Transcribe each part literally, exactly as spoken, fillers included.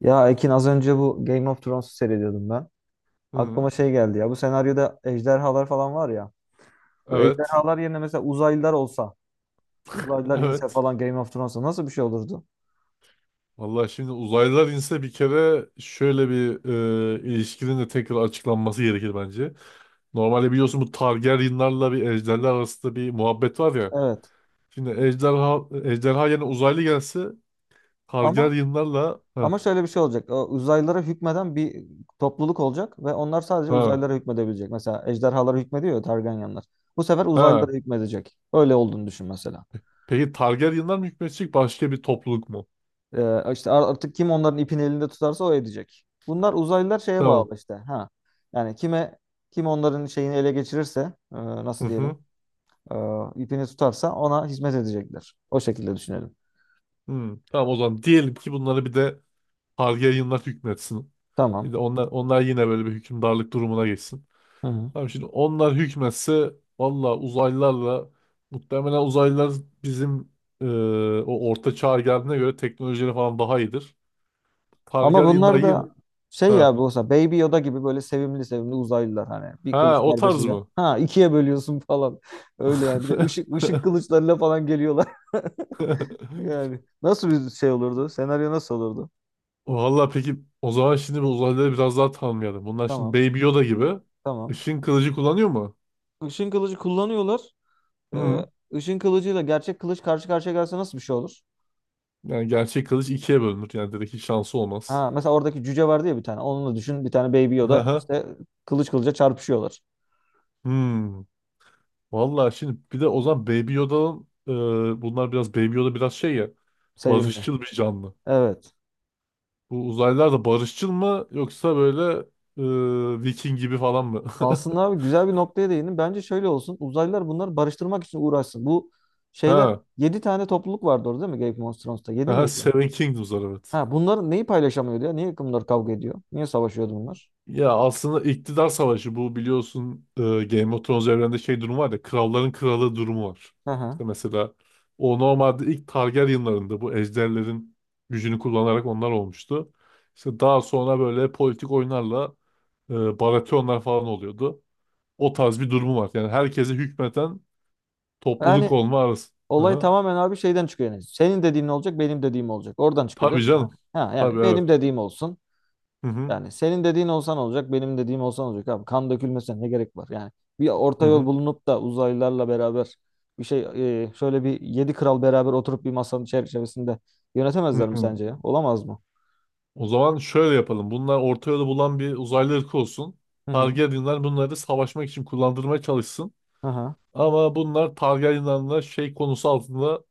Ya Ekin az önce bu Game of Thrones'u seyrediyordum ben. Hı. Aklıma şey geldi ya, bu senaryoda ejderhalar falan var ya. Bu Evet. ejderhalar yerine mesela uzaylılar olsa, uzaylılar inse Evet. falan Game of Thrones'a nasıl bir şey olurdu? Vallahi şimdi uzaylılar inse bir kere şöyle bir e, ilişkinin de tekrar açıklanması gerekir bence. Normalde biliyorsun bu Targaryenlarla bir ejderler arasında bir muhabbet var ya. Evet. Şimdi ejderha, ejderha yerine uzaylı gelse Ama Targaryenlarla ha. ama şöyle bir şey olacak. O uzaylılara hükmeden bir topluluk olacak ve onlar sadece Ha. uzaylılara hükmedebilecek. Mesela ejderhalara hükmediyor ya Targaryenlar. Bu sefer uzaylılara Ha. hükmedecek. Öyle olduğunu düşün mesela. Peki Targaryenlar mı hükmedecek başka bir topluluk mu? Ee, işte ar- artık kim onların ipini elinde tutarsa o edecek. Bunlar uzaylılar şeye Tamam. bağlı işte. Ha. Yani kime, kim onların şeyini ele geçirirse e, Hı nasıl diyelim, hı. e, ipini tutarsa ona hizmet edecekler. O şekilde düşünelim. Hı. Tamam, o zaman diyelim ki bunları bir de Targaryenlar hükmetsin. Bir Tamam. de onlar onlar yine böyle bir hükümdarlık durumuna geçsin. Hı hı. Tamam, şimdi onlar hükmetse valla uzaylılarla, muhtemelen uzaylılar bizim e, o orta çağ geldiğine göre teknolojileri falan daha iyidir. Ama Targaryenler bunlar yine. da şey Ha. ya, bu olsa Baby Yoda gibi böyle sevimli sevimli uzaylılar, hani bir kılıç Ha, o tarz darbesiyle mı? ha ikiye bölüyorsun falan öyle yani, bir de ışık ışık kılıçlarıyla falan geliyorlar. Yani nasıl bir şey olurdu, senaryo nasıl olurdu? Valla, peki, o zaman şimdi bu uzaylıları biraz daha tanımayalım. Bunlar şimdi Tamam, Baby Yoda gibi tamam. ışın kılıcı kullanıyor mu? Işın kılıcı kullanıyorlar. Hı. Ee, ışın kılıcıyla gerçek kılıç karşı karşıya gelse nasıl bir şey olur? Yani gerçek kılıç ikiye bölünür. Yani direkt hiç şansı olmaz. Ha, mesela oradaki cüce vardı ya bir tane. Onunla düşün. Bir tane Baby Yoda Hı. işte, kılıç kılıca çarpışıyorlar. Hmm. Vallahi şimdi bir de o zaman Baby Yoda'nın e, bunlar biraz Baby Yoda biraz şey ya, Sevimli. barışçıl bir canlı. Evet. Bu uzaylılar da barışçıl mı, yoksa böyle e, Viking gibi falan mı? Aslında abi güzel bir noktaya değindin. Bence şöyle olsun. Uzaylılar bunları barıştırmak için uğraşsın. Bu şeyler Ha. yedi tane topluluk vardı orada, değil mi? Game of Thrones'ta yedi Ha, miydi? Seven Kingdoms'lar, evet. Ha, bunların neyi paylaşamıyordu ya? Niye bunlar kavga ediyor? Niye savaşıyordu bunlar? Ya aslında iktidar savaşı bu, biliyorsun, e, Game of Thrones evrende şey durumu var ya, kralların kralı durumu var. Hı hı. İşte mesela o normalde ilk Targaryen'larında bu ejderlerin gücünü kullanarak onlar olmuştu. İşte daha sonra böyle politik oyunlarla e, Baratheonlar falan oluyordu. O tarz bir durumu var. Yani herkese hükmeten Yani topluluk olma arası. Hı olay hı. tamamen abi şeyden çıkıyor yani. Senin dediğin olacak, benim dediğim olacak. Oradan çıkıyor değil Tabii mi? Yani, canım. ha, Tabii, yani evet. benim dediğim olsun. Hı hı. Yani senin dediğin olsan olacak, benim dediğim olsan olacak abi. Kan dökülmesine ne gerek var? Yani bir Hı orta yol hı. bulunup da uzaylılarla beraber bir şey, e, şöyle bir yedi kral beraber oturup bir masanın çerçevesinde Hı yönetemezler mi hı. sence ya? Olamaz mı? O zaman şöyle yapalım. Bunlar orta yolu bulan bir uzaylı ırkı olsun. Hı hı. Targaryenler bunları savaşmak için kullandırmaya çalışsın. Aha. Ama bunlar Targaryenlerle şey konusu altında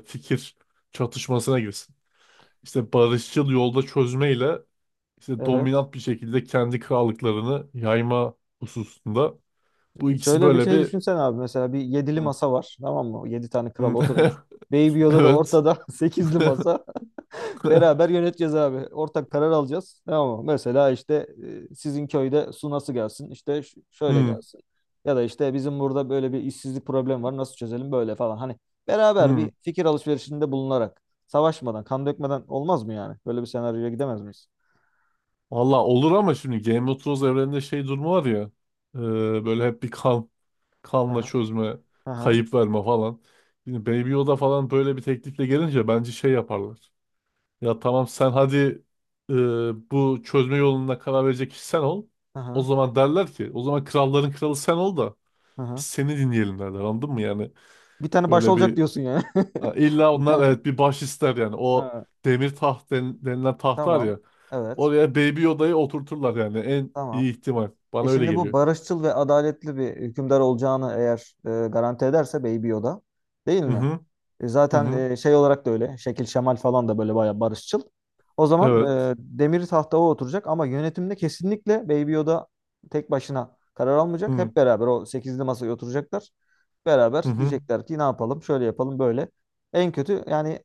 e, fikir çatışmasına girsin. İşte barışçıl yolda çözmeyle, işte Evet. dominant bir şekilde kendi krallıklarını yayma hususunda. Bu ikisi Şöyle bir böyle şey bir. düşünsen abi, mesela bir yedili Hı, masa var. Tamam mı? Yedi tane kral hı. oturmuş. Baby Yoda da Evet. ortada sekizli masa. Beraber yöneteceğiz abi. Ortak karar alacağız. Tamam mı? Mesela işte, e, sizin köyde su nasıl gelsin? İşte ş- şöyle Hmm, gelsin. Ya da işte bizim burada böyle bir işsizlik problemi var. Nasıl çözelim böyle falan. Hani beraber hmm. bir fikir alışverişinde bulunarak, savaşmadan, kan dökmeden olmaz mı yani? Böyle bir senaryoya gidemez miyiz? Valla olur ama şimdi Game of Thrones evreninde şey durumu var ya. e, Böyle hep bir kan, kanla Aha, çözme, aha, kayıp verme falan. Yine Baby Yoda falan böyle bir teklifle gelince bence şey yaparlar. Ya, tamam, sen hadi, e, bu çözme yoluna karar verecek kişi sen ol. O aha, zaman derler ki, o zaman kralların kralı sen ol da biz aha. seni dinleyelim derler, anladın mı yani? Bir tane baş Böyle olacak bir, diyorsun yani. ha, illa Bir onlar, tane. evet, bir baş ister yani. O Ha, demir taht den- denilen taht var tamam. ya, Evet. oraya Baby Yoda'yı oturturlar yani, en Tamam. iyi ihtimal. E Bana öyle şimdi bu geliyor. barışçıl ve adaletli bir hükümdar olacağını eğer e, garanti ederse Baby Yoda, değil Hı mi? hı, E, hı zaten, hı, e, şey olarak da öyle. Şekil şemal falan da böyle bayağı barışçıl. O zaman evet. e, demir tahta o oturacak ama yönetimde kesinlikle Baby Yoda tek başına karar almayacak. Hı Hep beraber o sekizli masaya oturacaklar. Beraber hı, hı. diyecekler ki ne yapalım, şöyle yapalım böyle. En kötü yani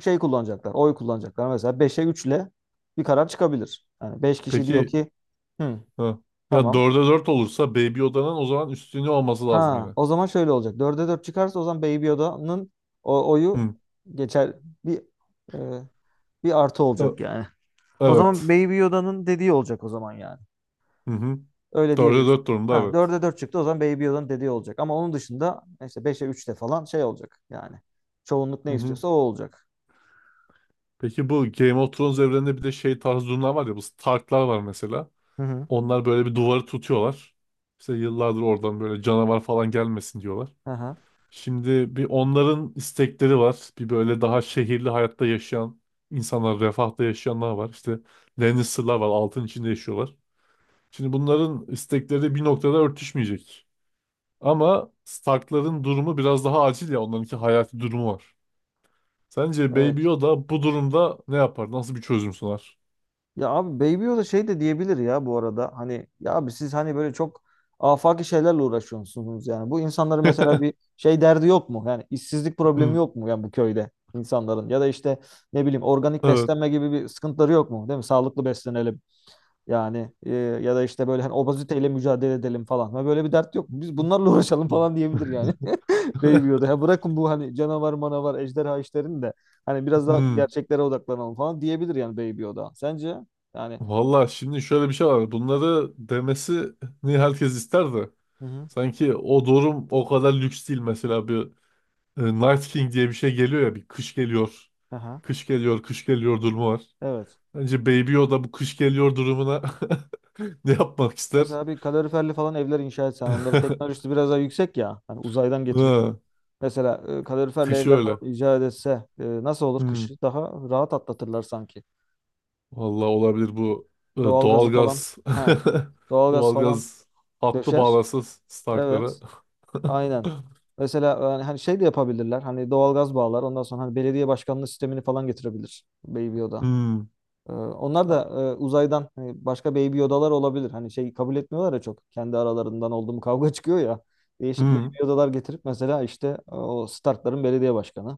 şey kullanacaklar, oy kullanacaklar. Mesela beşe üçle bir karar çıkabilir. Yani beş kişi diyor Peki. ki. Hı, Ha. Ya tamam. dörde dört olursa Baby Yoda'nın o zaman üstünlüğü olması lazım Ha, yine. o zaman şöyle olacak. Dörde dört çıkarsa o zaman Baby Yoda'nın o oyu Hı. geçer, bir e, bir artı olacak E- yani. O zaman Evet. Baby Yoda'nın dediği olacak o zaman yani. Hı hı. Öyle Dörde diyebiliriz. dört durumda, Ha, evet. dörde dört çıktı, o zaman Baby Yoda'nın dediği olacak. Ama onun dışında işte beşe üçte falan şey olacak yani. Çoğunluk Hı ne hı. istiyorsa o olacak. Peki, bu Game of Thrones evreninde bir de şey tarzı durumlar var ya, bu Stark'lar var mesela. Hı hı. Onlar böyle bir duvarı tutuyorlar. İşte yıllardır oradan böyle canavar falan gelmesin diyorlar. Aha, Şimdi bir, onların istekleri var. Bir böyle daha şehirli hayatta yaşayan insanlar, refahta yaşayanlar var. İşte Lannister'lar var, altın içinde yaşıyorlar. Şimdi bunların istekleri bir noktada örtüşmeyecek. Ama Stark'ların durumu biraz daha acil ya. Onlarınki hayati durumu var. Sence Baby evet. Yoda bu durumda ne yapar? Nasıl bir çözüm sunar? Ya abi Baby Yoda şey de diyebilir ya bu arada. Hani ya abi, siz hani böyle çok afaki şeylerle uğraşıyorsunuz yani. Bu insanların mesela bir şey derdi yok mu? Yani işsizlik problemi Hmm. yok mu yani bu köyde insanların? Ya da işte ne bileyim, organik Evet. beslenme gibi bir sıkıntıları yok mu? Değil mi? Sağlıklı beslenelim. Yani e, ya da işte böyle hani obeziteyle mücadele edelim falan. Ha, böyle bir dert yok. Biz bunlarla uğraşalım falan diyebilir yani. Baby Yoda. Ha, bırakın bu hani canavar manavar ejderha işlerini de hani biraz daha Hmm. gerçeklere odaklanalım falan diyebilir yani Baby Yoda. Sence? Yani. Valla şimdi şöyle bir şey var. Bunları demesini herkes ister de. Hı hı. Sanki o durum o kadar lüks değil. Mesela bir e, Night King diye bir şey geliyor ya. Bir kış geliyor. Aha. Kış geliyor, kış geliyor durumu var. Evet. Bence Baby Yoda bu kış geliyor durumuna ne yapmak ister? Mesela bir kaloriferli falan evler inşa etsen, onları teknolojisi biraz daha yüksek ya. Hani uzaydan getiriyor. Ha. Mesela e, kaloriferli Kışı evler falan öyle. icat etse, e, nasıl olur Hmm. kışı? Daha rahat atlatırlar sanki. Vallahi olabilir bu e, Doğalgazı falan. doğalgaz Ha. Doğalgaz falan doğalgaz hattı döşer. bağlarsa Stark'lara. Evet, aynen. Mesela yani hani hani, şey de yapabilirler. Hani doğalgaz bağlar. Ondan sonra hani belediye başkanlığı sistemini falan getirebilir Baby Yoda. Hmm. Ee, onlar da e, uzaydan, hani başka Baby Yodalar olabilir. Hani şey kabul etmiyorlar ya çok. Kendi aralarından oldu kavga çıkıyor ya. Değişik Baby Hmm. Yodalar getirip mesela işte, e, o Stark'ların belediye başkanı.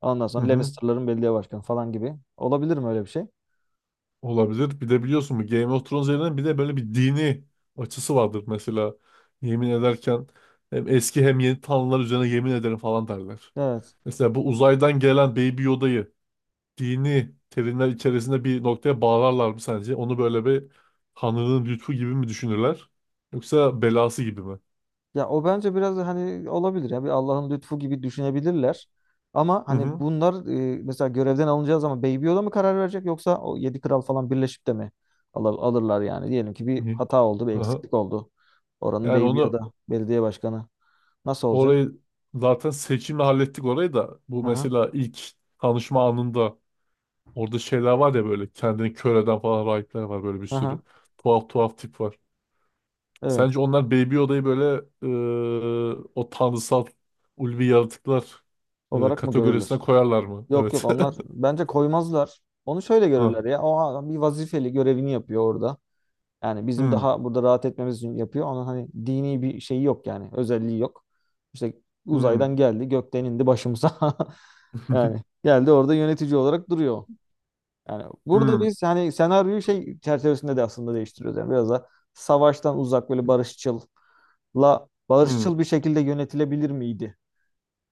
Ondan Hı sonra hı. Lannister'ların belediye başkanı falan gibi. Olabilir mi öyle bir şey? Olabilir. Bir de biliyorsun bu Game of Thrones üzerinden bir de böyle bir dini açısı vardır mesela. Yemin ederken hem eski hem yeni tanrılar üzerine yemin ederim falan derler. Evet. Mesela bu uzaydan gelen Baby Yoda'yı dini terimler içerisinde bir noktaya bağlarlar mı sence? Onu böyle bir Tanrı'nın lütfu gibi mi düşünürler? Yoksa belası gibi mi? Ya o bence biraz da hani olabilir ya, bir Allah'ın lütfu gibi düşünebilirler. Ama Hı hani hı. bunlar e, mesela görevden alınacağı zaman Baby Yoda mı karar verecek, yoksa o yedi kral falan birleşip de mi alır, alırlar yani? Diyelim ki bir İyi. hata oldu, bir Aha. eksiklik oldu. Oranın Yani Baby Yoda onu belediye başkanı nasıl olacak? orayı zaten seçimle hallettik. Orayı da, bu Aha, mesela ilk tanışma anında, orada şeyler var ya, böyle kendini kör eden falan rahipler var böyle, bir sürü. aha, Tuhaf tuhaf tip var. evet Sence onlar Baby Yoda'yı böyle e, o tanrısal ulvi yaratıklar e, olarak mı görülür? kategorisine koyarlar mı? Yok yok, Evet. onlar bence koymazlar. Onu şöyle Ha. görürler ya, o a- bir vazifeli, görevini yapıyor orada. Yani bizim Hmm, daha burada rahat etmemiz için yapıyor. Onun hani dini bir şeyi yok yani. Özelliği yok. İşte hmm, uzaydan geldi, gökten indi başımıza. Yani geldi, orada yönetici olarak duruyor. Yani burada hmm, biz hani senaryoyu şey çerçevesinde de aslında değiştiriyoruz. Yani biraz da savaştan uzak, böyle barışçılla hmm, barışçıl bir şekilde yönetilebilir miydi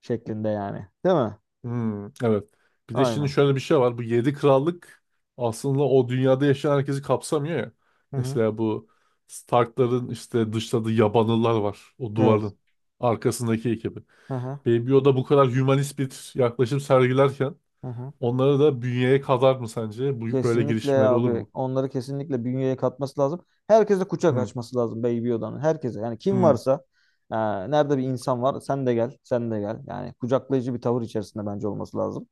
şeklinde yani. Değil mi? hmm. Evet. Bir de şimdi Aynen. şöyle bir şey var. Bu yedi krallık aslında o dünyada yaşayan herkesi kapsamıyor ya. Hı hı. Mesela bu Stark'ların işte dışladığı yabanıllar var. O Evet. duvarın arkasındaki ekibi. Hı hı. Baby Yoda bu kadar hümanist bir yaklaşım sergilerken Hı hı. onları da bünyeye kadar mı sence? Bu böyle Kesinlikle girişimler olur abi. mu? Onları kesinlikle bünyeye katması lazım. Herkese kucak Hmm, açması lazım Baby Yoda'nın. Herkese. Yani kim hmm, varsa, e, nerede bir insan var, sen de gel. Sen de gel. Yani kucaklayıcı bir tavır içerisinde bence olması lazım.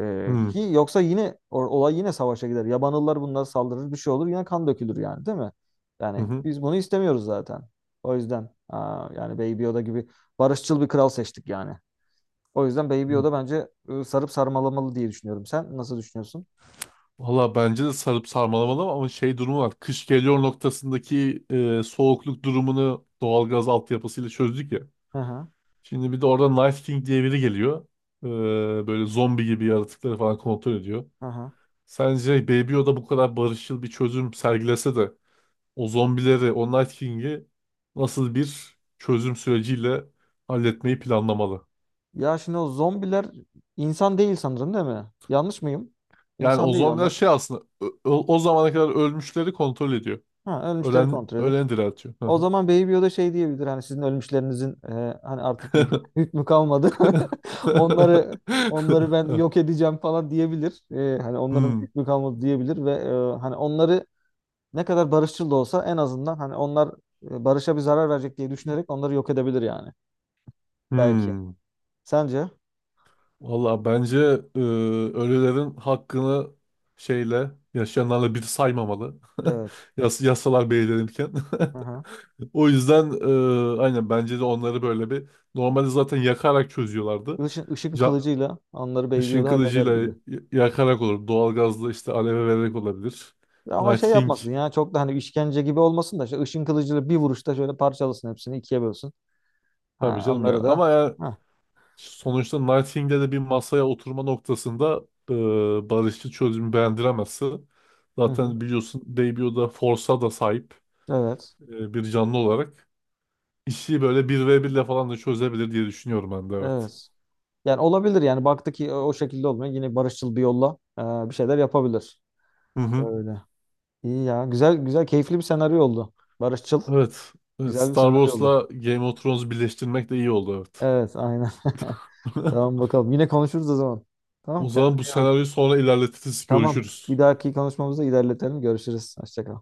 E, hmm, ki yoksa yine o- olay yine savaşa gider. Yabanıllar bunlara saldırır. Bir şey olur. Yine kan dökülür yani, değil mi? Yani hı biz bunu istemiyoruz zaten. O yüzden, e, yani Baby Yoda gibi barışçıl bir kral seçtik yani. O yüzden Baby hı. Yoda bence e, sarıp sarmalamalı diye düşünüyorum. Sen nasıl düşünüyorsun? Valla bence de sarıp sarmalamalı, ama şey durumu var. Kış geliyor noktasındaki e, soğukluk durumunu doğalgaz altyapısıyla çözdük ya. Hı hı. Şimdi bir de orada Night King diye biri geliyor. E, Böyle zombi gibi yaratıkları falan kontrol ediyor. Hı hı. Sence Baby Yoda bu kadar barışçıl bir çözüm sergilese de o zombileri, o Night King'i nasıl bir çözüm süreciyle halletmeyi planlamalı? Ya şimdi o zombiler insan değil sanırım, değil mi? Yanlış mıyım? Yani İnsan o değil zombiler onlar. şey, aslında ö- ö- o zamana kadar ölmüşleri kontrol ediyor. Ha, ölmüşleri Ölen, kontrol edip. ölen diriltiyor. O zaman Baby Yoda şey diyebilir, hani sizin ölmüşlerinizin e, hani artık bir hük- hükmü kalmadı. Onları onları ben yok edeceğim falan diyebilir. E, hani onların bir Hmm, hükmü kalmadı diyebilir ve e, hani onları ne kadar barışçıl da olsa en azından hani onlar e, barışa bir zarar verecek diye düşünerek onları yok edebilir yani. Belki. hmm. Sence? Valla bence e, ölülerin hakkını şeyle yaşayanlarla bir saymamalı. Evet. Yas yasalar belirlenirken. Hı hı. O yüzden e, aynen, bence de onları böyle bir, normalde zaten yakarak çözüyorlardı. Işın, ışın Ca kılıcıyla onları Baby ışın Yoda halleder kılıcıyla gibi. y- yakarak olur. Doğalgazla, işte, aleve vererek olabilir. Ama Night şey King, yapmasın ya, çok da hani işkence gibi olmasın da, şu ışın kılıcıyla bir vuruşta şöyle parçalasın hepsini, ikiye bölsün. tabii Ha, canım ya. onları da. Ama ya Ha, Sonuçta Nightingale'de bir masaya oturma noktasında e, barışçı çözümü beğendiremezse, hı hı. zaten biliyorsun Debio da Force'a da sahip Evet. e, bir canlı olarak işi böyle bir ve birle falan da çözebilir diye düşünüyorum ben de, evet. Evet. Yani olabilir yani, baktı ki o o şekilde olmuyor. Yine barışçıl bir yolla e, bir şeyler yapabilir. Hı hı. Öyle. İyi ya. Güzel güzel keyifli bir senaryo oldu. Barışçıl. Evet. Evet, Güzel bir Star senaryo oldu. Wars'la Game of Thrones'u birleştirmek de iyi oldu, evet. Evet aynen. Tamam bakalım. Yine konuşuruz o zaman. Tamam, O kendine zaman bu iyi bak. senaryoyu sonra ilerletiriz, Tamam. Bir görüşürüz. dahaki konuşmamızda ilerletelim. Görüşürüz. Hoşça kal.